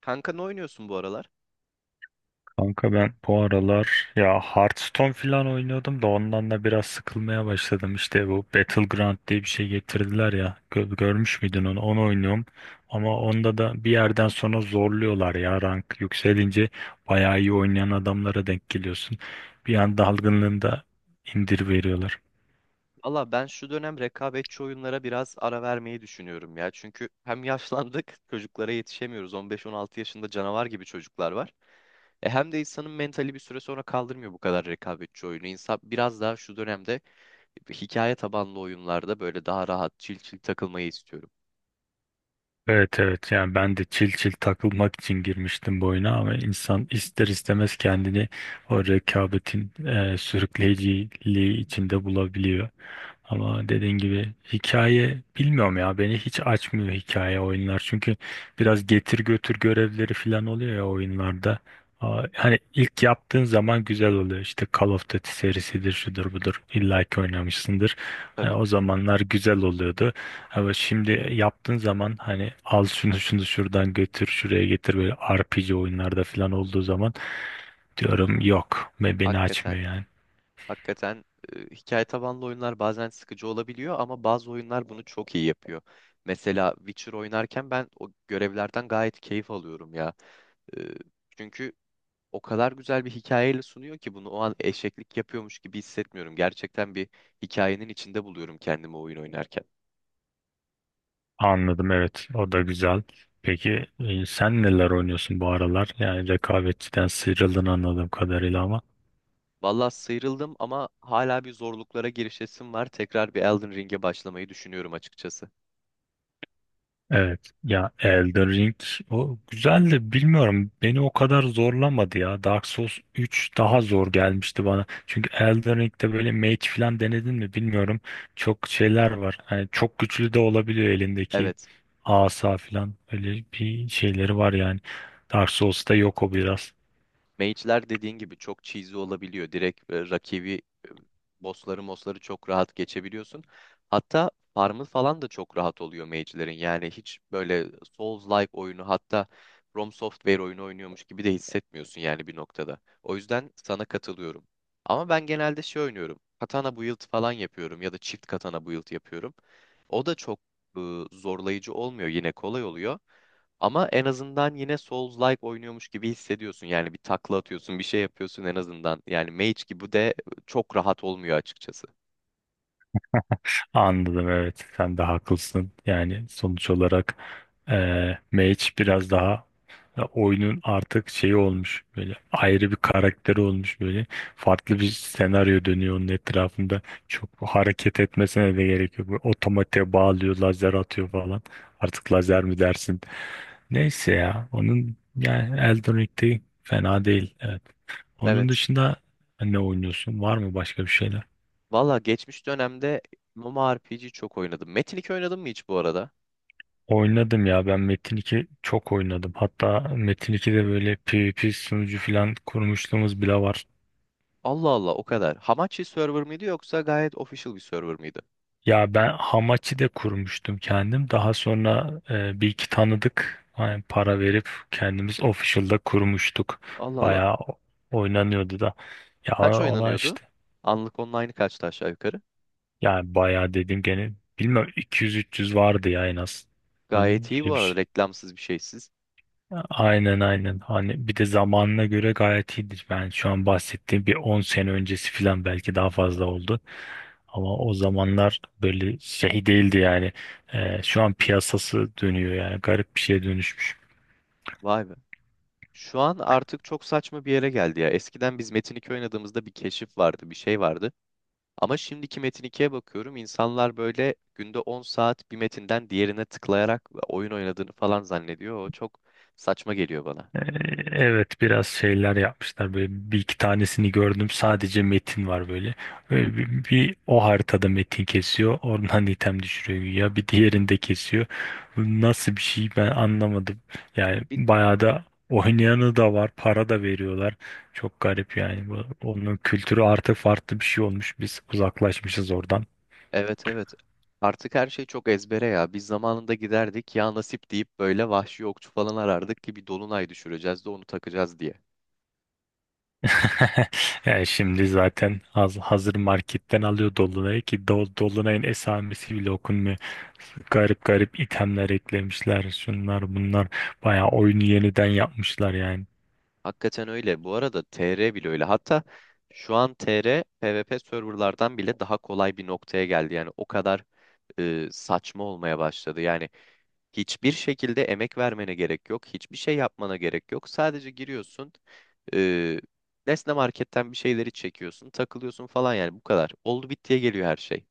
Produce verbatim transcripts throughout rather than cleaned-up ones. Kanka ne oynuyorsun bu aralar? Kanka ben bu aralar ya Hearthstone falan oynuyordum da ondan da biraz sıkılmaya başladım. İşte bu Battleground diye bir şey getirdiler ya. Gö- görmüş müydün onu? Onu oynuyorum. Ama onda da bir yerden sonra zorluyorlar ya rank yükselince bayağı iyi oynayan adamlara denk geliyorsun. Bir an dalgınlığında indir veriyorlar. Valla ben şu dönem rekabetçi oyunlara biraz ara vermeyi düşünüyorum ya. Çünkü hem yaşlandık, çocuklara yetişemiyoruz. on beş on altı yaşında canavar gibi çocuklar var. E hem de insanın mentali bir süre sonra kaldırmıyor bu kadar rekabetçi oyunu. İnsan biraz daha şu dönemde hikaye tabanlı oyunlarda böyle daha rahat, çil çil takılmayı istiyorum. Evet evet, yani ben de çil çil takılmak için girmiştim bu oyuna, ama insan ister istemez kendini o rekabetin e, sürükleyiciliği içinde bulabiliyor. Ama dediğin gibi hikaye bilmiyorum ya, beni hiç açmıyor hikaye oyunlar, çünkü biraz getir götür görevleri falan oluyor ya oyunlarda. Aa, Hani ilk yaptığın zaman güzel oluyor, işte Call of Duty serisidir şudur budur, illa ki oynamışsındır. Hani Tabii, o zamanlar güzel oluyordu. Ama şimdi yaptığın zaman hani al şunu şunu şuradan götür şuraya getir, böyle R P G oyunlarda falan olduğu zaman diyorum yok, ve beni açmıyor hakikaten yani. Hakikaten e, hikaye tabanlı oyunlar bazen sıkıcı olabiliyor ama bazı oyunlar bunu çok iyi yapıyor. Mesela Witcher oynarken ben o görevlerden gayet keyif alıyorum ya. E, çünkü o kadar güzel bir hikayeyle sunuyor ki bunu o an eşeklik yapıyormuş gibi hissetmiyorum. Gerçekten bir hikayenin içinde buluyorum kendimi oyun oynarken. Anladım, evet, o da güzel. Peki e, sen neler oynuyorsun bu aralar? Yani rekabetçiden sıyrıldın anladığım kadarıyla ama. Valla sıyrıldım ama hala bir zorluklara girişesim var. Tekrar bir Elden Ring'e başlamayı düşünüyorum açıkçası. Evet ya, Elden Ring o güzeldi, bilmiyorum beni o kadar zorlamadı ya. Dark Souls üç daha zor gelmişti bana, çünkü Elden Ring'de böyle mage falan denedin mi bilmiyorum, çok şeyler var hani, çok güçlü de olabiliyor elindeki Evet. asa falan, öyle bir şeyleri var yani. Dark Souls'ta yok o biraz. Mage'ler dediğin gibi çok cheesy olabiliyor. Direkt e, rakibi e, bossları mosları çok rahat geçebiliyorsun. Hatta farmı falan da çok rahat oluyor mage'lerin. Yani hiç böyle Souls-like oyunu hatta From Software oyunu oynuyormuş gibi de hissetmiyorsun yani bir noktada. O yüzden sana katılıyorum. Ama ben genelde şey oynuyorum. Katana build falan yapıyorum ya da çift katana build yapıyorum. O da çok e, zorlayıcı olmuyor. Yine kolay oluyor. Ama en azından yine Souls-like oynuyormuş gibi hissediyorsun. Yani bir takla atıyorsun, bir şey yapıyorsun en azından. Yani Mage gibi de çok rahat olmuyor açıkçası. Anladım evet, sen de haklısın. Yani sonuç olarak eee mage biraz daha, ya oyunun artık şeyi olmuş, böyle ayrı bir karakteri olmuş, böyle farklı bir senaryo dönüyor onun etrafında, çok hareket etmesine de gerek yok, böyle otomatiğe bağlıyor, lazer atıyor falan. Artık lazer mi dersin, neyse ya. Onun yani Elden Ring'de fena değil, evet. Onun Evet. dışında ne oynuyorsun, var mı başka bir şeyler? Valla geçmiş dönemde MMORPG çok oynadım. Metin iki oynadın mı hiç bu arada? Oynadım ya, ben Metin iki çok oynadım. Hatta Metin ikide böyle PvP sunucu falan kurmuşluğumuz bile var. Allah Allah o kadar. Hamachi server mıydı yoksa gayet official bir server mıydı? Ya ben hamachi de kurmuştum kendim. Daha sonra e, bir iki tanıdık hani, para verip kendimiz official'da kurmuştuk. Allah Allah. Bayağı o- oynanıyordu da. Ya Kaç ona oynanıyordu? işte, Anlık online kaçtı aşağı yukarı? yani bayağı dedim gene, bilmem iki yüz üç yüz vardı ya en az. Öyle öyle Gayet iyi bu bir arada şey. reklamsız bir şeysiz. Aynen aynen. Hani bir de zamanına göre gayet iyidir. Ben şu an bahsettiğim bir on sene öncesi falan, belki daha fazla oldu. Ama o zamanlar böyle şey değildi yani. Ee, şu an piyasası dönüyor yani, garip bir şeye dönüşmüş. Vay be. Şu an artık çok saçma bir yere geldi ya. Eskiden biz Metin iki oynadığımızda bir keşif vardı, bir şey vardı. Ama şimdiki Metin ikiye bakıyorum. İnsanlar böyle günde on saat bir metinden diğerine tıklayarak oyun oynadığını falan zannediyor. O çok saçma geliyor bana. Ee, Evet biraz şeyler yapmışlar, böyle bir iki tanesini gördüm, sadece metin var böyle. Böyle bir, bir o haritada metin kesiyor, oradan item düşürüyor ya, bir diğerinde kesiyor. Bu nasıl bir şey ben anlamadım. Yani Bir, bayağı da oynayanı da var, para da veriyorlar. Çok garip yani bu, onun kültürü artık farklı bir şey olmuş, biz uzaklaşmışız oradan. evet, evet. Artık her şey çok ezbere ya. Biz zamanında giderdik ya nasip deyip böyle vahşi okçu falan arardık ki bir dolunay düşüreceğiz de onu takacağız diye. Yani şimdi zaten haz- hazır marketten alıyor Dolunay'ı, ki Do- Dolunay'ın esamesi bile okunmuyor. Garip garip itemler eklemişler, şunlar bunlar. Bayağı oyunu yeniden yapmışlar yani. Hakikaten öyle. Bu arada T R bile öyle. Hatta şu an T R PvP serverlardan bile daha kolay bir noktaya geldi. Yani o kadar e, saçma olmaya başladı. Yani hiçbir şekilde emek vermene gerek yok. Hiçbir şey yapmana gerek yok. Sadece giriyorsun. E, Nesne Market'ten bir şeyleri çekiyorsun. Takılıyorsun falan yani bu kadar. Oldu bittiye geliyor her şey.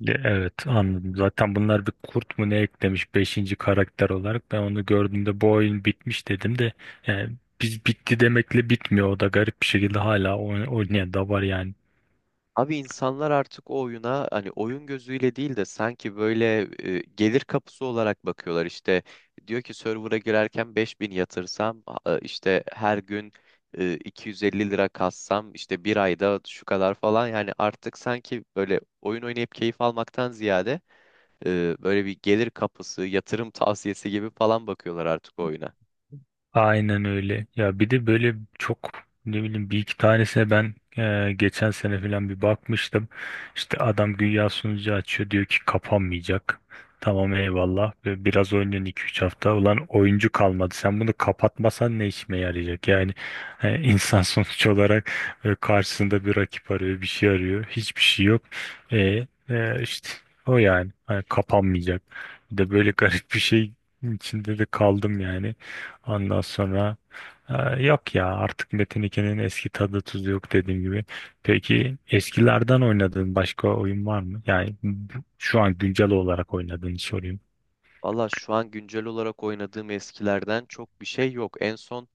Ya evet, anladım. Zaten bunlar bir kurt mu ne eklemiş, beşinci karakter olarak. Ben onu gördüğümde bu oyun bitmiş dedim de, yani biz bitti demekle bitmiyor. O da garip bir şekilde hala oyn- oynayan da var yani. Abi insanlar artık o oyuna hani oyun gözüyle değil de sanki böyle e, gelir kapısı olarak bakıyorlar. İşte diyor ki server'a girerken beş bin yatırsam a- işte her gün e, iki yüz elli lira kassam işte bir ayda şu kadar falan yani artık sanki böyle oyun oynayıp keyif almaktan ziyade Ee, böyle bir gelir kapısı, yatırım tavsiyesi gibi falan bakıyorlar artık oyuna. Aynen öyle. Ya bir de böyle çok, ne bileyim, bir iki tanesine ben e, geçen sene falan bir bakmıştım. İşte adam güya sunucu açıyor, diyor ki kapanmayacak. Tamam eyvallah. Ve biraz oynuyorsun iki üç hafta. Ulan oyuncu kalmadı. Sen bunu kapatmasan ne işime yarayacak? Yani e, insan sonuç olarak e, karşısında bir rakip arıyor, bir şey arıyor. Hiçbir şey yok. E, e, işte o yani. Hani kapanmayacak. Bir de böyle garip bir şey içinde de kaldım yani. Ondan sonra e, yok ya, artık Metin ikinin eski tadı tuzu yok, dediğim gibi. Peki eskilerden oynadığın başka oyun var mı? Yani bu- şu an güncel olarak oynadığını sorayım. Valla şu an güncel olarak oynadığım eskilerden çok bir şey yok. En son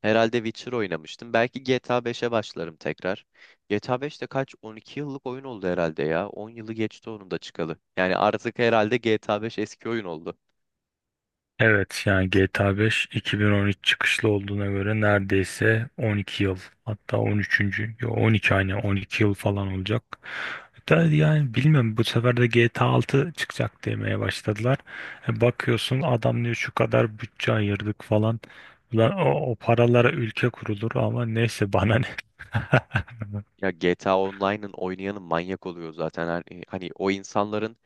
herhalde Witcher oynamıştım. Belki G T A beşe başlarım tekrar. G T A beş de kaç? on iki yıllık oyun oldu herhalde ya. on yılı geçti onun da çıkalı. Yani artık herhalde G T A beş eski oyun oldu. Evet yani G T A beş iki bin on üç çıkışlı olduğuna göre neredeyse on iki yıl, hatta on üçüncü Yo, on iki, aynı on iki yıl falan olacak. Da yani bilmiyorum, bu sefer de G T A altı çıkacak demeye başladılar. E, bakıyorsun adam diyor şu kadar bütçe ayırdık falan. Ulan o, o paralara ülke kurulur, ama neyse bana ne. Ya G T A Online'ın oynayanı manyak oluyor zaten. Hani, hani o insanların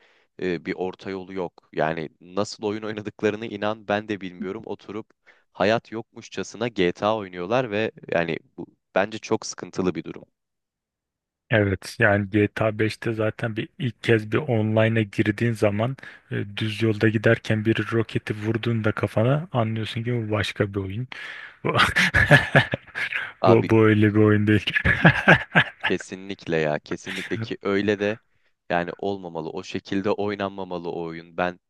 e, bir orta yolu yok. Yani nasıl oyun oynadıklarını inan ben de bilmiyorum. Oturup hayat yokmuşçasına G T A oynuyorlar ve yani bu bence çok sıkıntılı bir durum. Evet yani G T A beşte zaten bir ilk kez bir online'a girdiğin zaman e, düz yolda giderken bir roketi vurduğunda kafana, anlıyorsun ki bu başka bir oyun. Bu, bu, Abi bu öyle bir oyun değil. kesinlikle ya, kesinlikle ki öyle de yani olmamalı. O şekilde oynanmamalı o oyun. Ben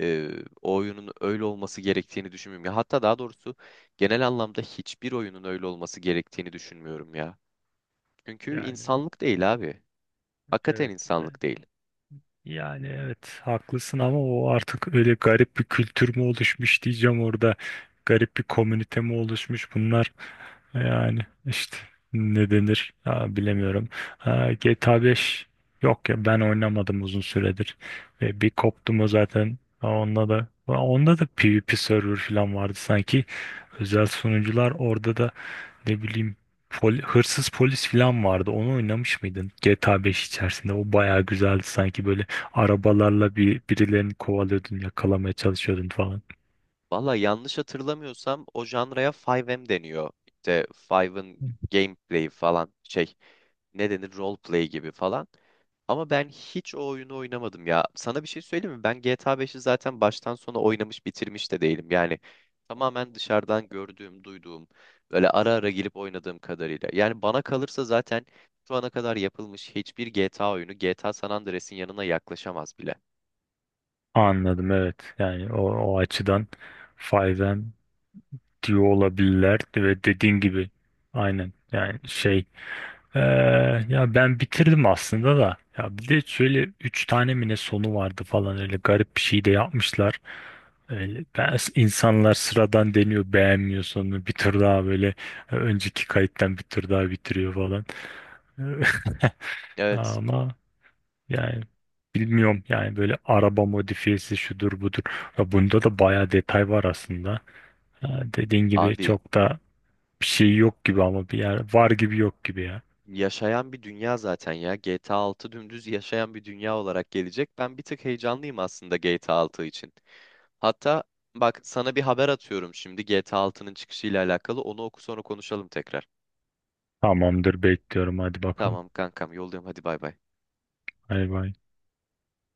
e, o oyunun öyle olması gerektiğini düşünmüyorum. Ya hatta daha doğrusu genel anlamda hiçbir oyunun öyle olması gerektiğini düşünmüyorum ya. Çünkü Yani o- insanlık değil abi. Hakikaten evet. insanlık değil. Yani evet haklısın, ama o artık öyle garip bir kültür mü oluşmuş diyeceğim orada. Garip bir komünite mi oluşmuş bunlar. Yani işte, ne denir ya, bilemiyorum. Ha, G T A beş, yok ya ben oynamadım uzun süredir. Ve bir koptum o zaten. Ha, Onda da onda da PvP server falan vardı sanki. Özel sunucular orada da, ne bileyim, pol- hırsız polis falan vardı. Onu oynamış mıydın? G T A beş içerisinde o bayağı güzeldi sanki, böyle arabalarla bir birilerini kovalıyordun, yakalamaya çalışıyordun falan. Valla yanlış hatırlamıyorsam o janraya beş em deniyor. İşte beşin gameplay falan şey, ne denir, roleplay gibi falan. Ama ben hiç o oyunu oynamadım ya. Sana bir şey söyleyeyim mi? Ben G T A beşi zaten baştan sona oynamış bitirmiş de değilim. Yani tamamen dışarıdan gördüğüm, duyduğum, böyle ara ara gelip oynadığım kadarıyla. Yani bana kalırsa zaten şu ana kadar yapılmış hiçbir G T A oyunu G T A San Andreas'in yanına yaklaşamaz bile. Anladım evet. Yani o, o açıdan fayv em diyor olabilirler, ve dediğin gibi aynen yani şey. Ee, Ya ben bitirdim aslında da. Ya bir de şöyle üç tane mi ne sonu vardı falan, öyle garip bir şey de yapmışlar. Öyle, ben, insanlar sıradan deniyor, beğenmiyor sonunu, bir tur daha böyle e, önceki kayıttan bir tur daha bitiriyor falan. Evet Ama yani bilmiyorum, yani böyle araba modifiyesi şudur budur. Ya bunda da bayağı detay var aslında. Ha, dediğin gibi abi, çok da bir şey yok gibi, ama bir yer var gibi yok gibi ya. yaşayan bir dünya zaten ya. G T A altı dümdüz yaşayan bir dünya olarak gelecek. Ben bir tık heyecanlıyım aslında G T A altı için. Hatta bak sana bir haber atıyorum şimdi G T A altının çıkışıyla alakalı. Onu oku, sonra konuşalım tekrar. Tamamdır, bekliyorum, hadi bakalım. Tamam kankam, yoldayım, hadi bay bay. Bay bay.